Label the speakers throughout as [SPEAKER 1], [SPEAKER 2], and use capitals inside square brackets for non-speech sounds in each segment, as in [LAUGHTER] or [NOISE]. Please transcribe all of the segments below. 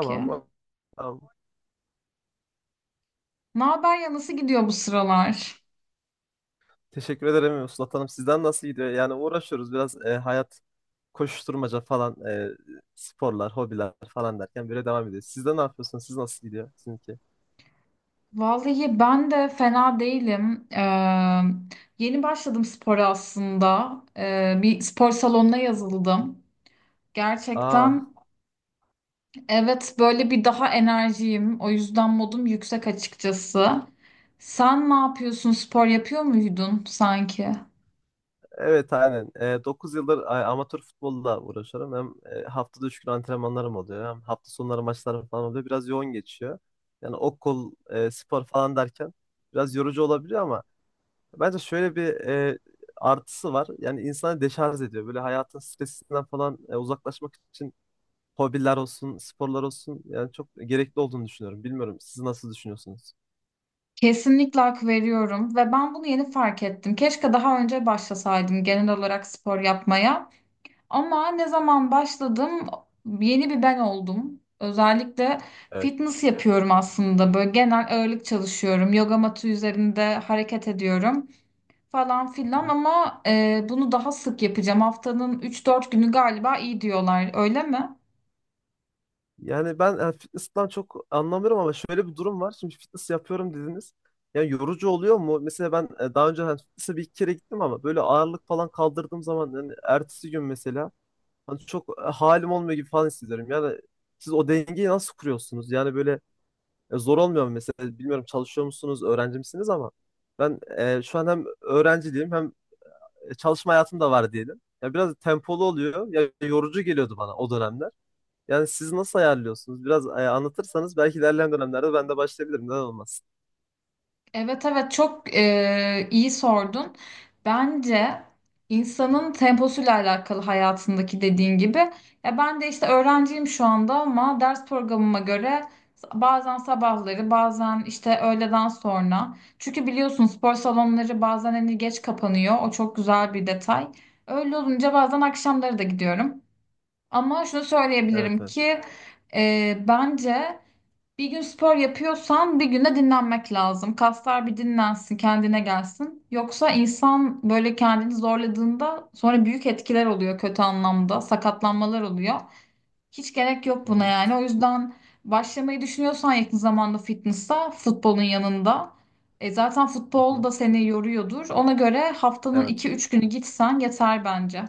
[SPEAKER 1] Ki.
[SPEAKER 2] Tamam.
[SPEAKER 1] Ne haber ya nasıl gidiyor bu sıralar?
[SPEAKER 2] Teşekkür ederim Mustafa Hanım. Sizden nasıl gidiyor? Yani uğraşıyoruz biraz hayat koşuşturmaca falan, sporlar, hobiler falan derken böyle devam ediyor. Siz de ne yapıyorsunuz? Siz nasıl gidiyor sizinki?
[SPEAKER 1] Vallahi ben de fena değilim. Yeni başladım spora aslında. Bir spor salonuna yazıldım.
[SPEAKER 2] Aa,
[SPEAKER 1] Gerçekten evet böyle bir daha enerjiyim. O yüzden modum yüksek açıkçası. Sen ne yapıyorsun? Spor yapıyor muydun sanki?
[SPEAKER 2] evet aynen. 9 yıldır amatör futbolla uğraşıyorum. Hem haftada 3 gün antrenmanlarım oluyor. Hem hafta sonları maçlarım falan oluyor. Biraz yoğun geçiyor. Yani okul, spor falan derken biraz yorucu olabiliyor ama bence şöyle bir, artısı var. Yani insanı deşarj ediyor. Böyle hayatın stresinden falan, uzaklaşmak için hobiler olsun, sporlar olsun, yani çok gerekli olduğunu düşünüyorum. Bilmiyorum siz nasıl düşünüyorsunuz?
[SPEAKER 1] Kesinlikle hak veriyorum ve ben bunu yeni fark ettim. Keşke daha önce başlasaydım genel olarak spor yapmaya. Ama ne zaman başladım yeni bir ben oldum. Özellikle
[SPEAKER 2] Evet.
[SPEAKER 1] fitness yapıyorum aslında. Böyle genel ağırlık çalışıyorum. Yoga matı üzerinde hareket ediyorum falan filan
[SPEAKER 2] Hı.
[SPEAKER 1] ama bunu daha sık yapacağım. Haftanın 3-4 günü galiba iyi diyorlar. Öyle mi?
[SPEAKER 2] Yani ben, fitness'tan çok anlamıyorum ama şöyle bir durum var. Şimdi fitness yapıyorum dediniz. Yani yorucu oluyor mu? Mesela ben, daha önce hani fitness'e 1 2 kere gittim ama böyle ağırlık falan kaldırdığım zaman yani ertesi gün mesela hani çok, halim olmuyor gibi falan hissediyorum. Yani siz o dengeyi nasıl kuruyorsunuz? Yani böyle, zor olmuyor mu mesela? Bilmiyorum çalışıyor musunuz, öğrenci misiniz, ama ben, şu an hem öğrenciliğim hem çalışma hayatım da var diyelim. Ya biraz tempolu oluyor. Ya yorucu geliyordu bana o dönemler. Yani siz nasıl ayarlıyorsunuz? Biraz, anlatırsanız belki ilerleyen dönemlerde ben de başlayabilirim. Neden olmasın?
[SPEAKER 1] Evet evet çok iyi sordun. Bence insanın temposuyla alakalı hayatındaki dediğin gibi. Ya ben de işte öğrenciyim şu anda ama ders programıma göre bazen sabahları bazen işte öğleden sonra. Çünkü biliyorsun spor salonları bazen hani geç kapanıyor. O çok güzel bir detay. Öyle olunca bazen akşamları da gidiyorum. Ama şunu
[SPEAKER 2] Evet,
[SPEAKER 1] söyleyebilirim
[SPEAKER 2] evet.
[SPEAKER 1] ki bence bir gün spor yapıyorsan bir gün de dinlenmek lazım. Kaslar bir dinlensin, kendine gelsin. Yoksa insan böyle kendini zorladığında sonra büyük etkiler oluyor kötü anlamda, sakatlanmalar oluyor. Hiç gerek yok
[SPEAKER 2] Hı
[SPEAKER 1] buna
[SPEAKER 2] hı,
[SPEAKER 1] yani. O yüzden başlamayı düşünüyorsan yakın zamanda fitness'a futbolun yanında. E zaten
[SPEAKER 2] hı
[SPEAKER 1] futbol
[SPEAKER 2] hı.
[SPEAKER 1] da seni yoruyordur. Ona göre haftanın
[SPEAKER 2] Evet.
[SPEAKER 1] iki üç günü gitsen yeter bence.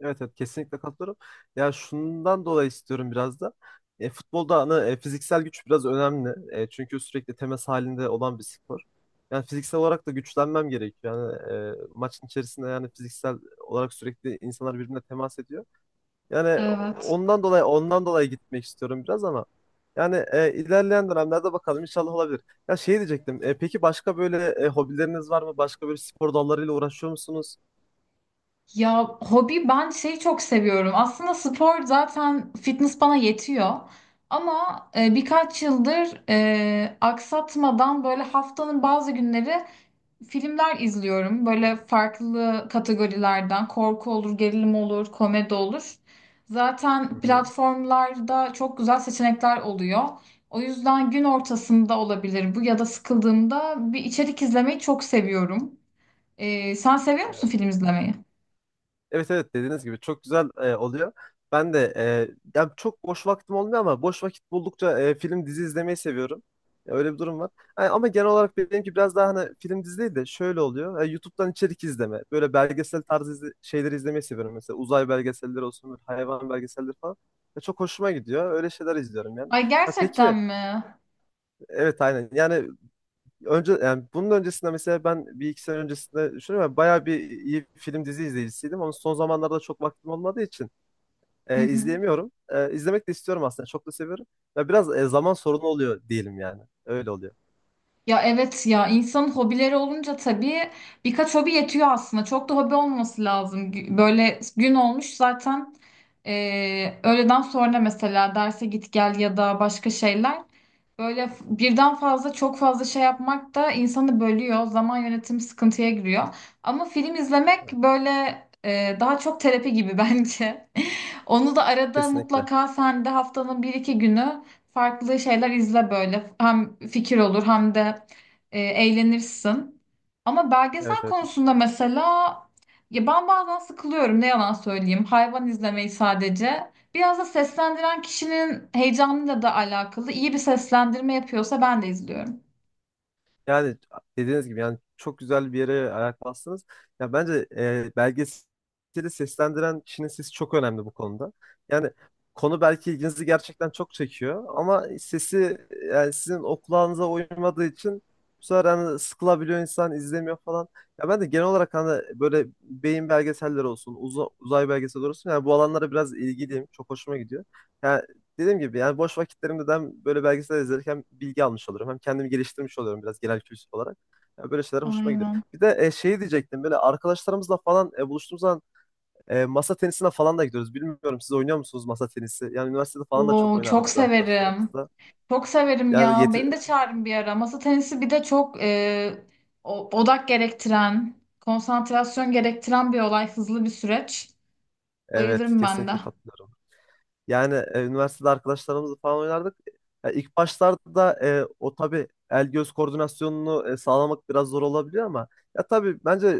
[SPEAKER 2] Evet evet, kesinlikle katılıyorum. Ya şundan dolayı istiyorum biraz da. Futbolda hani, fiziksel güç biraz önemli. Çünkü sürekli temas halinde olan bir spor. Yani fiziksel olarak da güçlenmem gerekiyor. Yani maçın içerisinde yani fiziksel olarak sürekli insanlar birbirine temas ediyor. Yani
[SPEAKER 1] Evet.
[SPEAKER 2] ondan dolayı gitmek istiyorum biraz ama yani, ilerleyen dönemlerde bakalım, inşallah olabilir. Ya şey diyecektim. Peki başka böyle, hobileriniz var mı? Başka böyle spor dallarıyla uğraşıyor musunuz?
[SPEAKER 1] Ya hobi ben şeyi çok seviyorum. Aslında spor zaten fitness bana yetiyor. Ama birkaç yıldır aksatmadan böyle haftanın bazı günleri filmler izliyorum. Böyle farklı kategorilerden korku olur, gerilim olur, komedi olur.
[SPEAKER 2] Hı
[SPEAKER 1] Zaten
[SPEAKER 2] hı.
[SPEAKER 1] platformlarda çok güzel seçenekler oluyor. O yüzden gün ortasında olabilir bu ya da sıkıldığımda bir içerik izlemeyi çok seviyorum. Sen seviyor musun film izlemeyi?
[SPEAKER 2] Evet evet, dediğiniz gibi çok güzel, oluyor. Ben de, yani çok boş vaktim olmuyor ama boş vakit buldukça, film dizi izlemeyi seviyorum. Öyle bir durum var. Yani ama genel olarak benimki biraz daha hani film dizi değil de şöyle oluyor. YouTube'dan içerik izleme. Böyle belgesel tarzı şeyleri izlemeyi seviyorum. Mesela uzay belgeselleri olsun, böyle hayvan belgeselleri falan. Çok hoşuma gidiyor. Öyle şeyler izliyorum yani.
[SPEAKER 1] Ay
[SPEAKER 2] Ya
[SPEAKER 1] gerçekten
[SPEAKER 2] peki,
[SPEAKER 1] mi?
[SPEAKER 2] evet aynen. Yani önce, yani bunun öncesinde mesela ben 1 2 sene öncesinde düşünüyorum. Ya, bayağı bir iyi film dizi izleyicisiydim. Ama son zamanlarda çok vaktim olmadığı için,
[SPEAKER 1] Hı hı.
[SPEAKER 2] izleyemiyorum. İzlemek de istiyorum aslında. Çok da seviyorum. Ya biraz, zaman sorunu oluyor diyelim yani. Öyle oluyor.
[SPEAKER 1] Ya evet ya insanın hobileri olunca tabii birkaç hobi yetiyor aslında. Çok da hobi olması lazım. Böyle gün olmuş zaten öğleden sonra mesela derse git gel ya da başka şeyler. Böyle birden fazla çok fazla şey yapmak da insanı bölüyor. Zaman yönetimi sıkıntıya giriyor. Ama film izlemek böyle daha çok terapi gibi [LAUGHS] bence. Onu da arada
[SPEAKER 2] Kesinlikle.
[SPEAKER 1] mutlaka sen de haftanın bir iki günü farklı şeyler izle böyle. Hem fikir olur hem de eğlenirsin. Ama belgesel
[SPEAKER 2] Evet evet.
[SPEAKER 1] konusunda mesela ya ben bazen sıkılıyorum ne yalan söyleyeyim. Hayvan izlemeyi sadece. Biraz da seslendiren kişinin heyecanıyla da alakalı. İyi bir seslendirme yapıyorsa ben de izliyorum.
[SPEAKER 2] Yani dediğiniz gibi yani çok güzel bir yere ayak bastınız. Ya bence, belgeseli seslendiren kişinin sesi çok önemli bu konuda. Yani konu belki ilginizi gerçekten çok çekiyor ama sesi, yani sizin o kulağınıza uymadığı için bu sefer hani sıkılabiliyor insan, izlemiyor falan. Ya ben de genel olarak hani böyle beyin belgeselleri olsun, uzay belgeselleri olsun, yani bu alanlara biraz ilgiliyim. Çok hoşuma gidiyor. Yani dediğim gibi yani boş vakitlerimde de hem böyle belgesel izlerken hem bilgi almış oluyorum. Hem kendimi geliştirmiş oluyorum biraz, genel kültür olarak. Yani böyle şeyler hoşuma gidiyor.
[SPEAKER 1] Aynen.
[SPEAKER 2] Bir de, şey diyecektim, böyle arkadaşlarımızla falan, buluştuğumuz zaman, masa tenisine falan da gidiyoruz. Bilmiyorum siz oynuyor musunuz masa tenisi? Yani üniversitede falan da çok
[SPEAKER 1] Oo,
[SPEAKER 2] oynardık
[SPEAKER 1] çok
[SPEAKER 2] biz
[SPEAKER 1] severim.
[SPEAKER 2] arkadaşlarımızla.
[SPEAKER 1] Çok severim
[SPEAKER 2] Yani
[SPEAKER 1] ya.
[SPEAKER 2] yeti...
[SPEAKER 1] Beni de çağırın bir ara. Masa tenisi bir de çok odak gerektiren, konsantrasyon gerektiren bir olay, hızlı bir süreç.
[SPEAKER 2] Evet,
[SPEAKER 1] Bayılırım ben de.
[SPEAKER 2] kesinlikle katılıyorum. Yani, üniversitede arkadaşlarımızla falan oynardık. Ya ilk başlarda, o tabii el göz koordinasyonunu, sağlamak biraz zor olabiliyor ama ya tabii bence,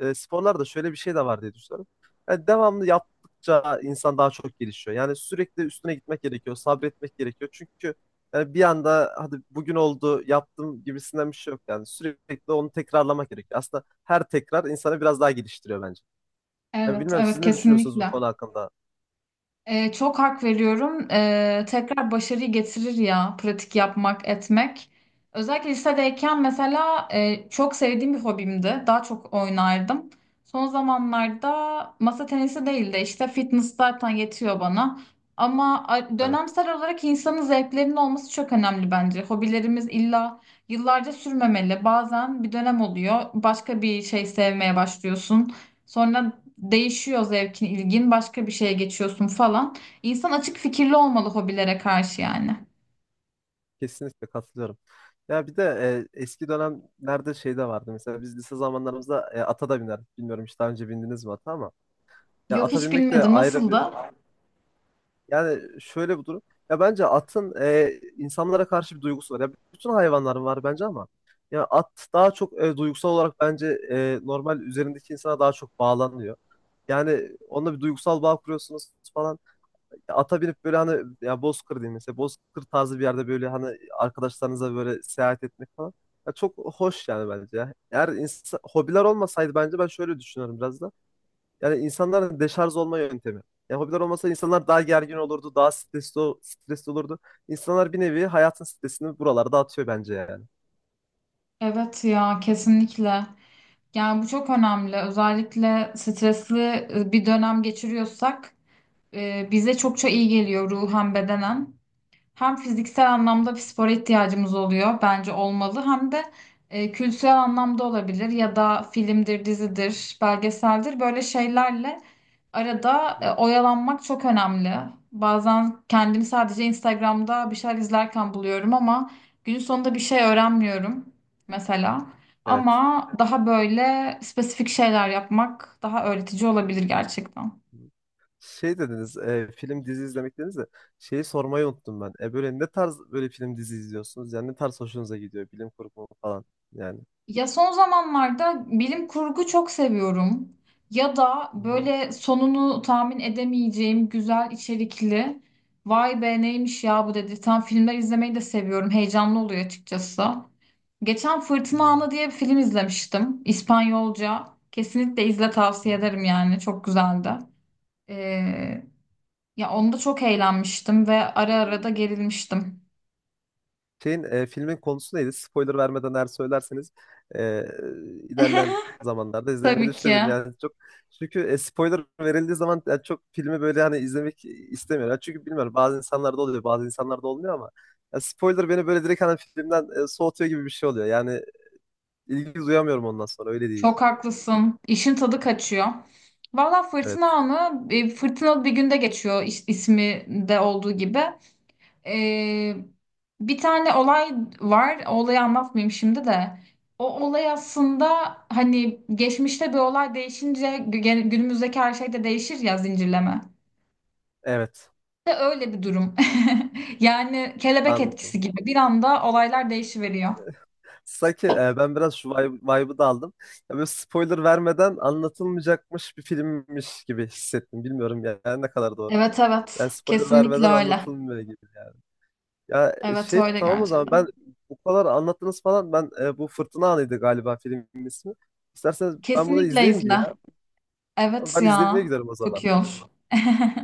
[SPEAKER 2] sporlarda şöyle bir şey de var diye düşünüyorum. Yani devamlı yaptıkça insan daha çok gelişiyor. Yani sürekli üstüne gitmek gerekiyor, sabretmek gerekiyor. Çünkü yani bir anda hadi bugün oldu yaptım gibisinden bir şey yok. Yani sürekli onu tekrarlamak gerekiyor. Aslında her tekrar insanı biraz daha geliştiriyor bence. Ya
[SPEAKER 1] Evet,
[SPEAKER 2] bilmiyorum
[SPEAKER 1] evet
[SPEAKER 2] siz ne düşünüyorsunuz bu
[SPEAKER 1] kesinlikle.
[SPEAKER 2] konu hakkında?
[SPEAKER 1] Çok hak veriyorum. Tekrar başarıyı getirir ya pratik yapmak, etmek. Özellikle lisedeyken mesela çok sevdiğim bir hobimdi. Daha çok oynardım. Son zamanlarda masa tenisi değil de işte fitness zaten yetiyor bana. Ama
[SPEAKER 2] Evet,
[SPEAKER 1] dönemsel olarak insanın zevklerinin olması çok önemli bence. Hobilerimiz illa yıllarca sürmemeli. Bazen bir dönem oluyor. Başka bir şey sevmeye başlıyorsun. Sonra değişiyor zevkin, ilgin, başka bir şeye geçiyorsun falan. İnsan açık fikirli olmalı hobilere karşı yani.
[SPEAKER 2] kesinlikle katılıyorum. Ya bir de, eski dönemlerde şey de vardı. Mesela biz lise zamanlarımızda, ata da binerdik. Bilmiyorum hiç daha önce bindiniz mi ata, ama ya
[SPEAKER 1] Yok
[SPEAKER 2] ata
[SPEAKER 1] hiç
[SPEAKER 2] binmek de
[SPEAKER 1] bilmedim
[SPEAKER 2] ayrı bir,
[SPEAKER 1] nasıldı?
[SPEAKER 2] yani şöyle bir durum. Ya bence atın, insanlara karşı bir duygusu var. Ya bütün hayvanların var bence ama ya at daha çok, duygusal olarak bence, normal üzerindeki insana daha çok bağlanıyor. Yani onunla bir duygusal bağ kuruyorsunuz falan. Ya ata binip böyle hani ya Bozkır diyeyim mesela, Bozkır tarzı bir yerde böyle hani arkadaşlarınıza böyle seyahat etmek falan. Ya çok hoş yani bence ya. Eğer insan, hobiler olmasaydı bence ben şöyle düşünüyorum biraz da. Yani insanların deşarj olma yöntemi. Yani hobiler olmasa insanlar daha gergin olurdu, daha stresli, stresli olurdu. İnsanlar bir nevi hayatın stresini buralarda atıyor bence yani.
[SPEAKER 1] Evet ya kesinlikle. Yani bu çok önemli. Özellikle stresli bir dönem geçiriyorsak bize çokça iyi geliyor ruhen bedenen. Hem fiziksel anlamda bir spora ihtiyacımız oluyor bence olmalı hem de kültürel anlamda olabilir ya da filmdir, dizidir, belgeseldir böyle şeylerle arada
[SPEAKER 2] Hı,
[SPEAKER 1] oyalanmak çok önemli. Bazen kendimi sadece Instagram'da bir şeyler izlerken buluyorum ama günün sonunda bir şey öğrenmiyorum mesela.
[SPEAKER 2] evet.
[SPEAKER 1] Ama daha böyle spesifik şeyler yapmak daha öğretici olabilir gerçekten.
[SPEAKER 2] Şey dediniz, film dizi izlemek dediniz de şeyi sormayı unuttum ben. Böyle ne tarz böyle film dizi izliyorsunuz? Yani ne tarz hoşunuza gidiyor? Bilim kurgu falan yani.
[SPEAKER 1] Ya son zamanlarda bilim kurgu çok seviyorum. Ya da
[SPEAKER 2] Hı hı.
[SPEAKER 1] böyle sonunu tahmin edemeyeceğim güzel içerikli. Vay be neymiş ya bu dedirten filmler izlemeyi de seviyorum. Heyecanlı oluyor açıkçası. Geçen Fırtına Anı diye bir film izlemiştim. İspanyolca. Kesinlikle izle
[SPEAKER 2] Hı.
[SPEAKER 1] tavsiye ederim yani. Çok güzeldi. Ee, ya onda çok eğlenmiştim ve ara ara da gerilmiştim.
[SPEAKER 2] Şeyin, filmin konusu neydi? Spoiler vermeden eğer söylerseniz, e, ilerleyen
[SPEAKER 1] [LAUGHS]
[SPEAKER 2] zamanlarda izlemeyi
[SPEAKER 1] Tabii
[SPEAKER 2] düşünebilirim.
[SPEAKER 1] ki.
[SPEAKER 2] Yani çok, çünkü, spoiler verildiği zaman yani çok filmi böyle hani izlemek istemiyorum. Yani çünkü bilmiyorum, bazı insanlarda oluyor, bazı insanlarda olmuyor ama ya spoiler beni böyle direkt hani filmden, soğutuyor gibi bir şey oluyor. Yani ilgi duyamıyorum ondan sonra, öyle değil.
[SPEAKER 1] Çok haklısın. İşin tadı kaçıyor. Valla fırtına
[SPEAKER 2] Evet.
[SPEAKER 1] anı fırtınalı bir günde geçiyor ismi de olduğu gibi. Ee, bir tane olay var. O olayı anlatmayayım şimdi de. O olay aslında hani geçmişte bir olay değişince günümüzdeki her şey de değişir ya zincirleme.
[SPEAKER 2] Evet.
[SPEAKER 1] De öyle bir durum. [LAUGHS] Yani kelebek etkisi
[SPEAKER 2] Anladım.
[SPEAKER 1] gibi bir anda olaylar değişiveriyor.
[SPEAKER 2] Sanki, ben biraz şu vibe'ı da aldım. Ya böyle spoiler vermeden anlatılmayacakmış bir filmmiş gibi hissettim. Bilmiyorum yani ne kadar doğru.
[SPEAKER 1] Evet evet
[SPEAKER 2] Yani spoiler
[SPEAKER 1] kesinlikle
[SPEAKER 2] vermeden
[SPEAKER 1] öyle.
[SPEAKER 2] anlatılmıyor gibi yani. Ya,
[SPEAKER 1] Evet
[SPEAKER 2] şey
[SPEAKER 1] öyle
[SPEAKER 2] tamam o zaman, ben
[SPEAKER 1] gerçekten.
[SPEAKER 2] bu kadar anlattınız falan, ben, bu Fırtına Anıydı galiba filmin ismi. İsterseniz ben bunu
[SPEAKER 1] Kesinlikle
[SPEAKER 2] izleyeyim bir
[SPEAKER 1] izle.
[SPEAKER 2] ya.
[SPEAKER 1] Evet
[SPEAKER 2] Ben
[SPEAKER 1] ya.
[SPEAKER 2] izlemeye giderim o
[SPEAKER 1] Çok
[SPEAKER 2] zaman.
[SPEAKER 1] iyi olur. [LAUGHS]